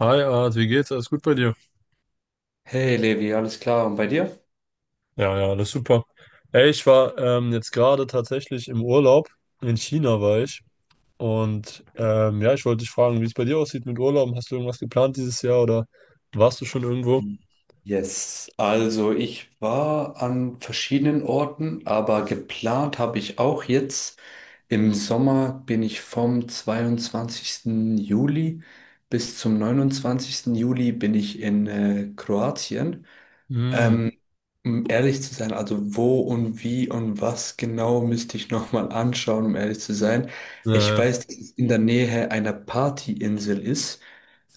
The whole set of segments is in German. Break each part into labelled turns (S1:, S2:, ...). S1: Hi Art, wie geht's? Alles gut bei dir?
S2: Hey Levi, alles klar und bei dir?
S1: Ja, ja, alles super. Ey, ich war jetzt gerade tatsächlich im Urlaub. In China war ich. Ja, ich wollte dich fragen, wie es bei dir aussieht mit Urlauben. Hast du irgendwas geplant dieses Jahr oder warst du schon irgendwo?
S2: Yes, also ich war an verschiedenen Orten, aber geplant habe ich auch jetzt. Im Sommer bin ich vom 22. Juli bis zum 29. Juli bin ich in Kroatien.
S1: Hm,
S2: Ähm, Um ehrlich zu sein, also wo und wie und was genau müsste ich nochmal anschauen, um ehrlich zu sein.
S1: ja,
S2: Ich
S1: ja.
S2: weiß, dass es in der Nähe einer Partyinsel ist.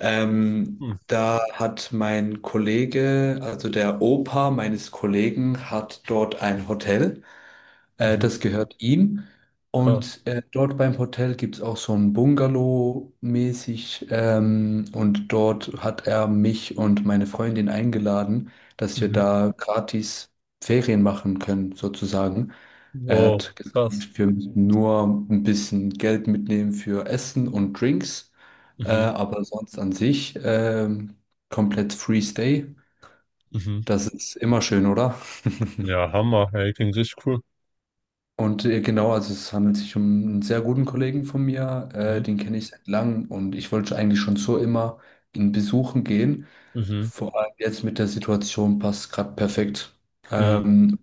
S1: Hm.
S2: Da hat mein Kollege, also der Opa meines Kollegen, hat dort ein Hotel. Das
S1: Mhm.
S2: gehört ihm.
S1: Krass.
S2: Und dort beim Hotel gibt es auch so ein Bungalow-mäßig. Und dort hat er mich und meine Freundin eingeladen, dass wir
S1: Mhm.
S2: da gratis Ferien machen können, sozusagen. Er
S1: Wow,
S2: hat gesagt,
S1: krass.
S2: wir müssen nur ein bisschen Geld mitnehmen für Essen und Drinks.
S1: Mhm.
S2: Aber sonst an sich komplett Free Stay.
S1: Mhm.
S2: Das ist immer schön, oder?
S1: Ja, Hammer. Ey, klingt richtig cool.
S2: Und genau, also es handelt sich um einen sehr guten Kollegen von mir,
S1: Mhm.
S2: den kenne ich seit langem und ich wollte eigentlich schon so immer ihn besuchen gehen.
S1: Mhm.
S2: Vor allem jetzt mit der Situation passt es gerade perfekt.
S1: Mhm.
S2: Ähm,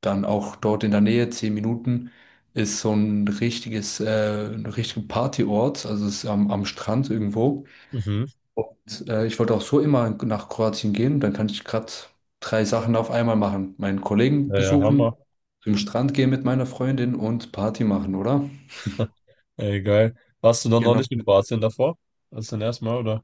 S2: Dann auch dort in der Nähe, 10 Minuten, ist so ein richtiger Partyort, also es ist am Strand irgendwo.
S1: Mhm.
S2: Und ich wollte auch so immer nach Kroatien gehen. Dann kann ich gerade drei Sachen auf einmal machen. Meinen Kollegen
S1: Ja, ja,
S2: besuchen,
S1: Hammer.
S2: zum Strand gehen mit meiner Freundin und Party machen, oder?
S1: Ey, geil. Warst du dann noch
S2: Genau.
S1: nicht in Kroatien davor? Das ist dein erstes Mal, oder?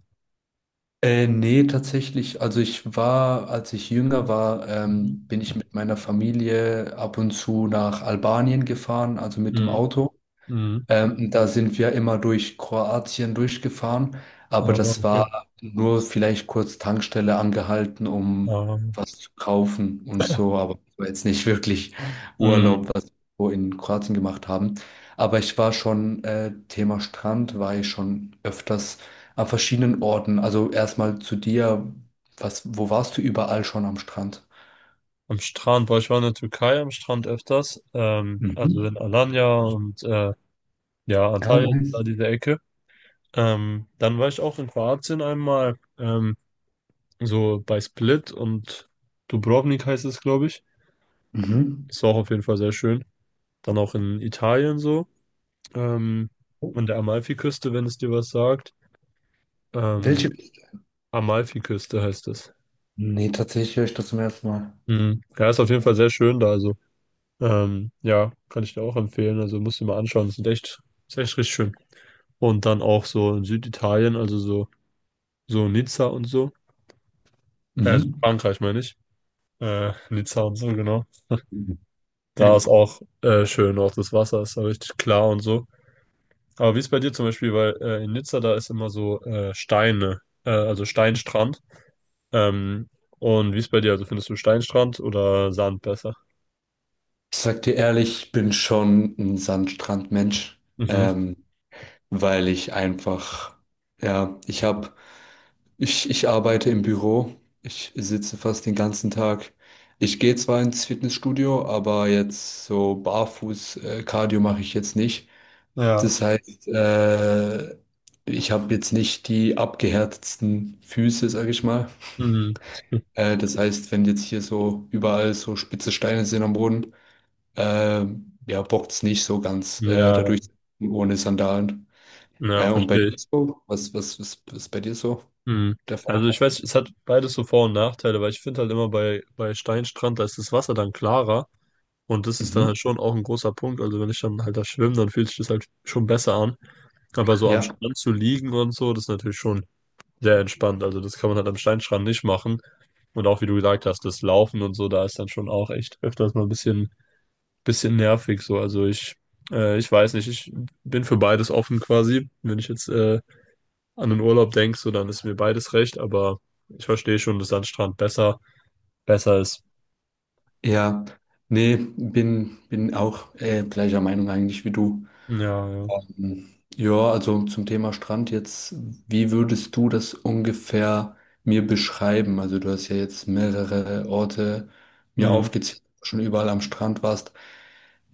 S2: Nee, tatsächlich. Also ich war, als ich jünger war,
S1: Mhm.
S2: bin ich mit meiner Familie ab und zu nach Albanien gefahren, also mit dem
S1: Mhm.
S2: Auto.
S1: Mhm.
S2: Da sind wir immer durch Kroatien durchgefahren, aber
S1: Ah,
S2: das
S1: okay.
S2: war nur vielleicht kurz Tankstelle angehalten, um
S1: Ähm,
S2: was zu kaufen und so, aber das war jetzt nicht wirklich
S1: Mhm.
S2: Urlaub, was wir so in Kroatien gemacht haben. Aber ich war schon, Thema Strand, war ich schon öfters an verschiedenen Orten. Also erstmal zu dir, wo warst du überall schon am Strand?
S1: Am Strand, weil ich war in der Türkei am Strand öfters, also
S2: Mhm.
S1: in Alanya und ja,
S2: Ja,
S1: Antalya, da
S2: nice.
S1: diese Ecke. Dann war ich auch in Kroatien einmal, so bei Split und Dubrovnik heißt es, glaube ich.
S2: Mhm.
S1: Das war auch auf jeden Fall sehr schön. Dann auch in Italien so, ähm, an der Amalfiküste, wenn es dir was sagt. Ähm,
S2: Welche?
S1: Amalfiküste heißt es.
S2: Nee, tatsächlich höre ich das zum ersten Mal.
S1: Mhm. Ja, ist auf jeden Fall sehr schön da, also. Ja, kann ich dir auch empfehlen. Also musst du dir mal anschauen. Das ist echt, ist echt richtig schön. Und dann auch so in Süditalien, also so, so Nizza und so. Also
S2: Mhm.
S1: Frankreich meine ich. Nizza und so, genau.
S2: Ich
S1: Da ist auch schön, auch das Wasser ist da richtig klar und so. Aber wie ist bei dir zum Beispiel, weil in Nizza da ist immer so Steine, also Steinstrand. Ähm, und wie ist bei dir? Also findest du Steinstrand oder Sand besser?
S2: sag dir ehrlich, ich bin schon ein Sandstrandmensch,
S1: Mhm.
S2: ähm, weil ich einfach, ja, ich hab, ich arbeite im Büro, ich sitze fast den ganzen Tag. Ich gehe zwar ins Fitnessstudio, aber jetzt so barfuß Cardio mache ich jetzt nicht.
S1: Ja.
S2: Das heißt, ich habe jetzt nicht die abgehärtetsten Füße, sag ich mal.
S1: Mhm.
S2: Das heißt, wenn jetzt hier so überall so spitze Steine sind am Boden, ja, bockt's nicht so ganz,
S1: Ja,
S2: dadurch ohne Sandalen.
S1: ja,
S2: Und bei
S1: verstehe
S2: dir
S1: ich.
S2: so? Was ist bei dir so
S1: Mhm.
S2: der Fall?
S1: Also ich weiß, es hat beides so Vor- und Nachteile, weil ich finde halt immer bei Steinstrand, da ist das Wasser dann klarer und das ist dann
S2: Mhm.
S1: halt schon auch ein großer Punkt. Also wenn ich dann halt da schwimme, dann fühlt sich das halt schon besser an. Aber so am
S2: Ja,
S1: Strand zu liegen und so, das ist natürlich schon sehr entspannt. Also das kann man halt am Steinstrand nicht machen. Und auch wie du gesagt hast, das Laufen und so, da ist dann schon auch echt öfters mal ein bisschen nervig so. Also ich, ich weiß nicht, ich bin für beides offen quasi. Wenn ich jetzt an den Urlaub denkst, so, dann ist mir beides recht, aber ich verstehe schon, dass Sandstrand besser ist.
S2: ja. Nee, bin auch gleicher Meinung eigentlich wie du.
S1: Ja, ja.
S2: Mhm. Ja, also zum Thema Strand jetzt, wie würdest du das ungefähr mir beschreiben? Also du hast ja jetzt mehrere Orte mir
S1: Hm,
S2: aufgezählt, wo du schon überall am Strand warst.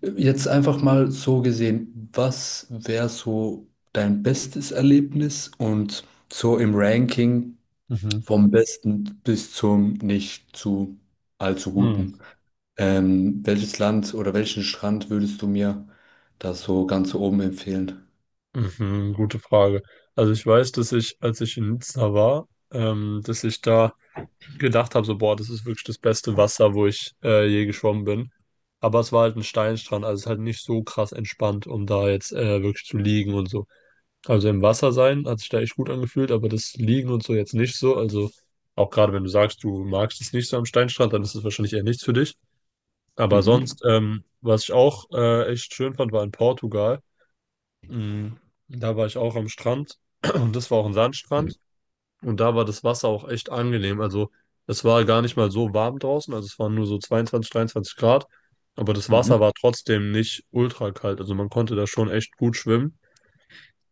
S2: Jetzt einfach mal so gesehen, was wäre so dein bestes Erlebnis und so im Ranking
S1: Mhm.
S2: vom besten bis zum nicht zu allzu
S1: Hm.
S2: guten? Welches Land oder welchen Strand würdest du mir da so ganz oben empfehlen?
S1: Mhm. Gute Frage. Also ich weiß, dass ich, als ich in Nizza war, dass ich da gedacht habe, so, boah, das ist wirklich das beste Wasser, wo ich je geschwommen bin. Aber es war halt ein Steinstrand, also es ist halt nicht so krass entspannt, um da jetzt wirklich zu liegen und so. Also im Wasser sein hat sich da echt gut angefühlt, aber das Liegen und so jetzt nicht so. Also auch gerade wenn du sagst, du magst es nicht so am Steinstrand, dann ist es wahrscheinlich eher nichts für dich. Aber
S2: Mhm.
S1: sonst, was ich auch echt schön fand, war in Portugal. Mhm. Da war ich auch am Strand und das war auch ein Sandstrand und da war das Wasser auch echt angenehm. Also es war gar nicht mal so warm draußen, also es waren nur so 22, 23 Grad, aber das
S2: Mhm.
S1: Wasser war trotzdem nicht ultra kalt. Also man konnte da schon echt gut schwimmen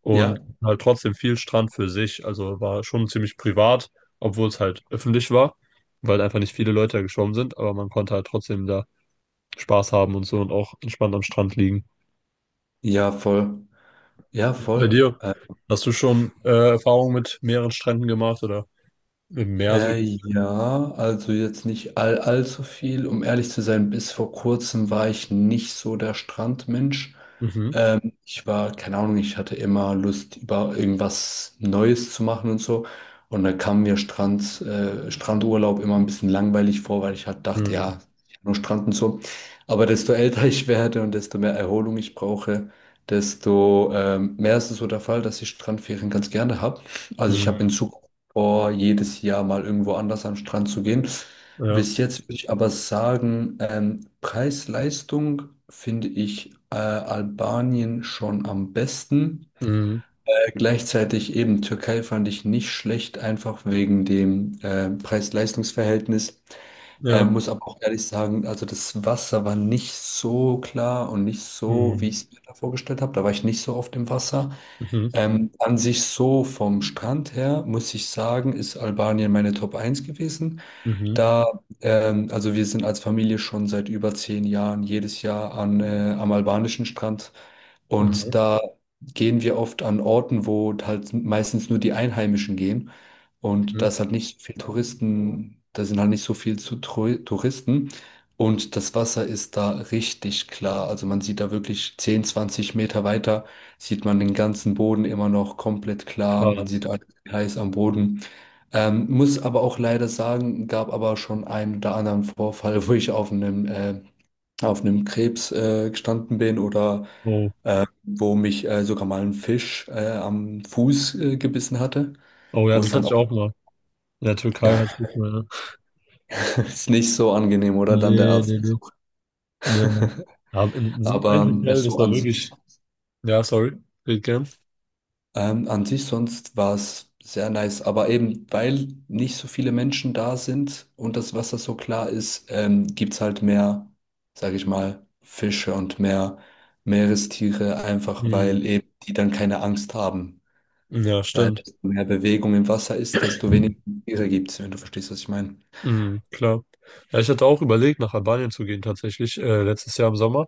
S1: und
S2: Ja,
S1: halt trotzdem viel Strand für sich. Also war schon ziemlich privat, obwohl es halt öffentlich war, weil einfach nicht viele Leute da geschwommen sind, aber man konnte halt trotzdem da Spaß haben und so und auch entspannt am Strand liegen.
S2: ja, voll. Ja,
S1: Bei
S2: voll.
S1: dir, hast du schon Erfahrungen mit mehreren Stränden gemacht oder im Meer so?
S2: Ja, also jetzt nicht allzu viel. Um ehrlich zu sein, bis vor kurzem war ich nicht so der Strandmensch.
S1: Mhm.
S2: Ich war, keine Ahnung, ich hatte immer Lust, über irgendwas Neues zu machen und so. Und da kam mir Strand, Strandurlaub immer ein bisschen langweilig vor, weil ich halt dachte,
S1: Mhm.
S2: ja, ich hab nur Strand und so. Aber desto älter ich werde und desto mehr Erholung ich brauche, desto mehr ist es so der Fall, dass ich Strandferien ganz gerne habe. Also ich habe in
S1: Mhm.
S2: Zukunft vor, jedes Jahr mal irgendwo anders an den Strand zu gehen.
S1: Ja.
S2: Bis, mhm, jetzt würde ich aber sagen, Preis-Leistung finde ich Albanien schon am besten.
S1: Mhm.
S2: Gleichzeitig eben Türkei fand ich nicht schlecht, einfach wegen dem Preis-Leistungs-Verhältnis.
S1: Ja.
S2: Muss aber auch ehrlich sagen, also das Wasser war nicht so klar und nicht so, wie
S1: Mhm.
S2: ich es mir da vorgestellt habe. Da war ich nicht so oft im Wasser.
S1: Mhm.
S2: An sich so vom Strand her, muss ich sagen, ist Albanien meine Top 1 gewesen.
S1: Mhm.
S2: Da, also wir sind als Familie schon seit über 10 Jahren jedes Jahr am albanischen Strand und
S1: Mhm.
S2: da gehen wir oft an Orten, wo halt meistens nur die Einheimischen gehen und
S1: Mhm.
S2: da ist halt nicht so viel Touristen, da sind halt nicht so viel Touristen und das Wasser ist da richtig klar. Also man sieht da wirklich 10, 20 Meter weiter, sieht man den ganzen Boden immer noch komplett klar, man
S1: Krass.
S2: sieht alles heiß am Boden. Muss aber auch leider sagen, gab aber schon einen oder anderen Vorfall, wo ich auf einem Krebs gestanden bin oder
S1: Oh.
S2: wo mich sogar mal ein Fisch am Fuß gebissen hatte,
S1: Oh ja,
S2: wo ich
S1: das
S2: dann
S1: hatte ich
S2: auch,
S1: auch mal. In der Türkei hatte ich mal. Ja.
S2: ist nicht so angenehm, oder dann der
S1: Nee,
S2: Arzt.
S1: nee, nee. Nee. Aber in diesem
S2: Aber
S1: einen Hotel,
S2: es
S1: das
S2: so
S1: war
S2: an sich.
S1: wirklich. Ja, sorry, geht gern.
S2: An sich sonst war es sehr nice, aber eben weil nicht so viele Menschen da sind und das Wasser so klar ist, gibt's halt mehr, sage ich mal, Fische und mehr Meerestiere, einfach
S1: Hm.
S2: weil eben die dann keine Angst haben.
S1: Ja,
S2: Weil
S1: stimmt.
S2: desto mehr Bewegung im Wasser ist, desto weniger Tiere gibt's, wenn du verstehst, was ich meine.
S1: Hm, klar. Ja, ich hatte auch überlegt, nach Albanien zu gehen, tatsächlich, letztes Jahr im Sommer.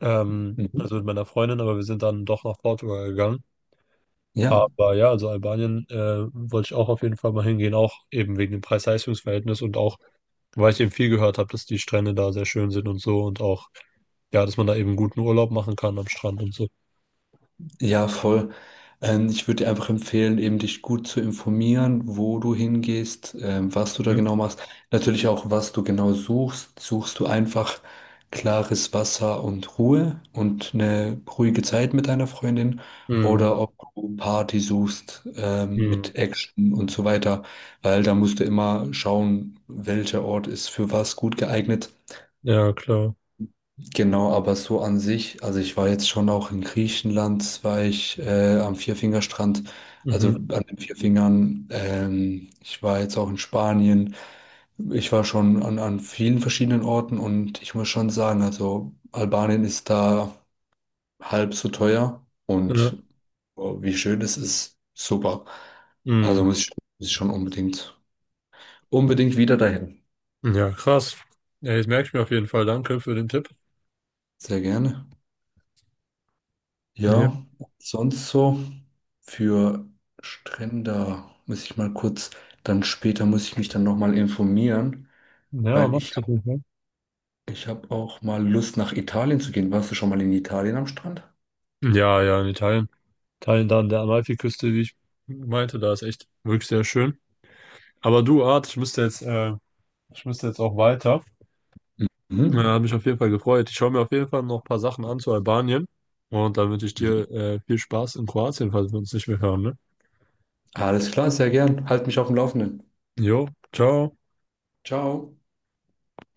S2: Mhm.
S1: Also mit meiner Freundin, aber wir sind dann doch nach Portugal gegangen.
S2: Ja,
S1: Aber ja, also Albanien wollte ich auch auf jeden Fall mal hingehen, auch eben wegen dem Preis-Leistungs-Verhältnis und auch, weil ich eben viel gehört habe, dass die Strände da sehr schön sind und so und auch, ja, dass man da eben guten Urlaub machen kann am Strand und so.
S2: ja, voll. Ich würde dir einfach empfehlen, eben dich gut zu informieren, wo du hingehst, was du da
S1: Hm?
S2: genau machst. Natürlich auch, was du genau suchst. Suchst du einfach klares Wasser und Ruhe und eine ruhige Zeit mit deiner Freundin
S1: Hm,
S2: oder ob du Party suchst,
S1: hm.
S2: mit Action und so weiter, weil da musst du immer schauen, welcher Ort ist für was gut geeignet.
S1: Ja, klar.
S2: Genau, aber so an sich, also ich war jetzt schon auch in Griechenland, war ich am Vierfingerstrand, also
S1: Mhm.
S2: an den Vierfingern. Ich war jetzt auch in Spanien. Ich war schon an vielen verschiedenen Orten und ich muss schon sagen, also Albanien ist da halb so teuer
S1: Ja.
S2: und oh, wie schön es ist, super.
S1: Mhm.
S2: Also muss ich schon unbedingt, unbedingt wieder dahin.
S1: Ja, krass. Ja, jetzt merke ich mir auf jeden Fall. Danke für den Tipp.
S2: Sehr gerne.
S1: Ja,
S2: Ja, sonst so für Strände muss ich mal kurz, dann später muss ich mich dann nochmal informieren,
S1: ja,
S2: weil
S1: mach's. Auf jeden Fall.
S2: ich habe auch mal Lust nach Italien zu gehen. Warst du schon mal in Italien am Strand?
S1: Ja, ja, in Italien. Italien da an der Amalfiküste, wie ich meinte, da ist echt wirklich sehr schön. Aber du, Art, ich müsste jetzt auch weiter. Ja,
S2: Mhm.
S1: hat mich auf jeden Fall gefreut. Ich schaue mir auf jeden Fall noch ein paar Sachen an zu Albanien. Und dann wünsche ich
S2: Mhm.
S1: dir, viel Spaß in Kroatien, falls wir uns nicht mehr hören, ne?
S2: Alles klar, sehr gern. Halt mich auf dem Laufenden.
S1: Jo, ciao.
S2: Ciao.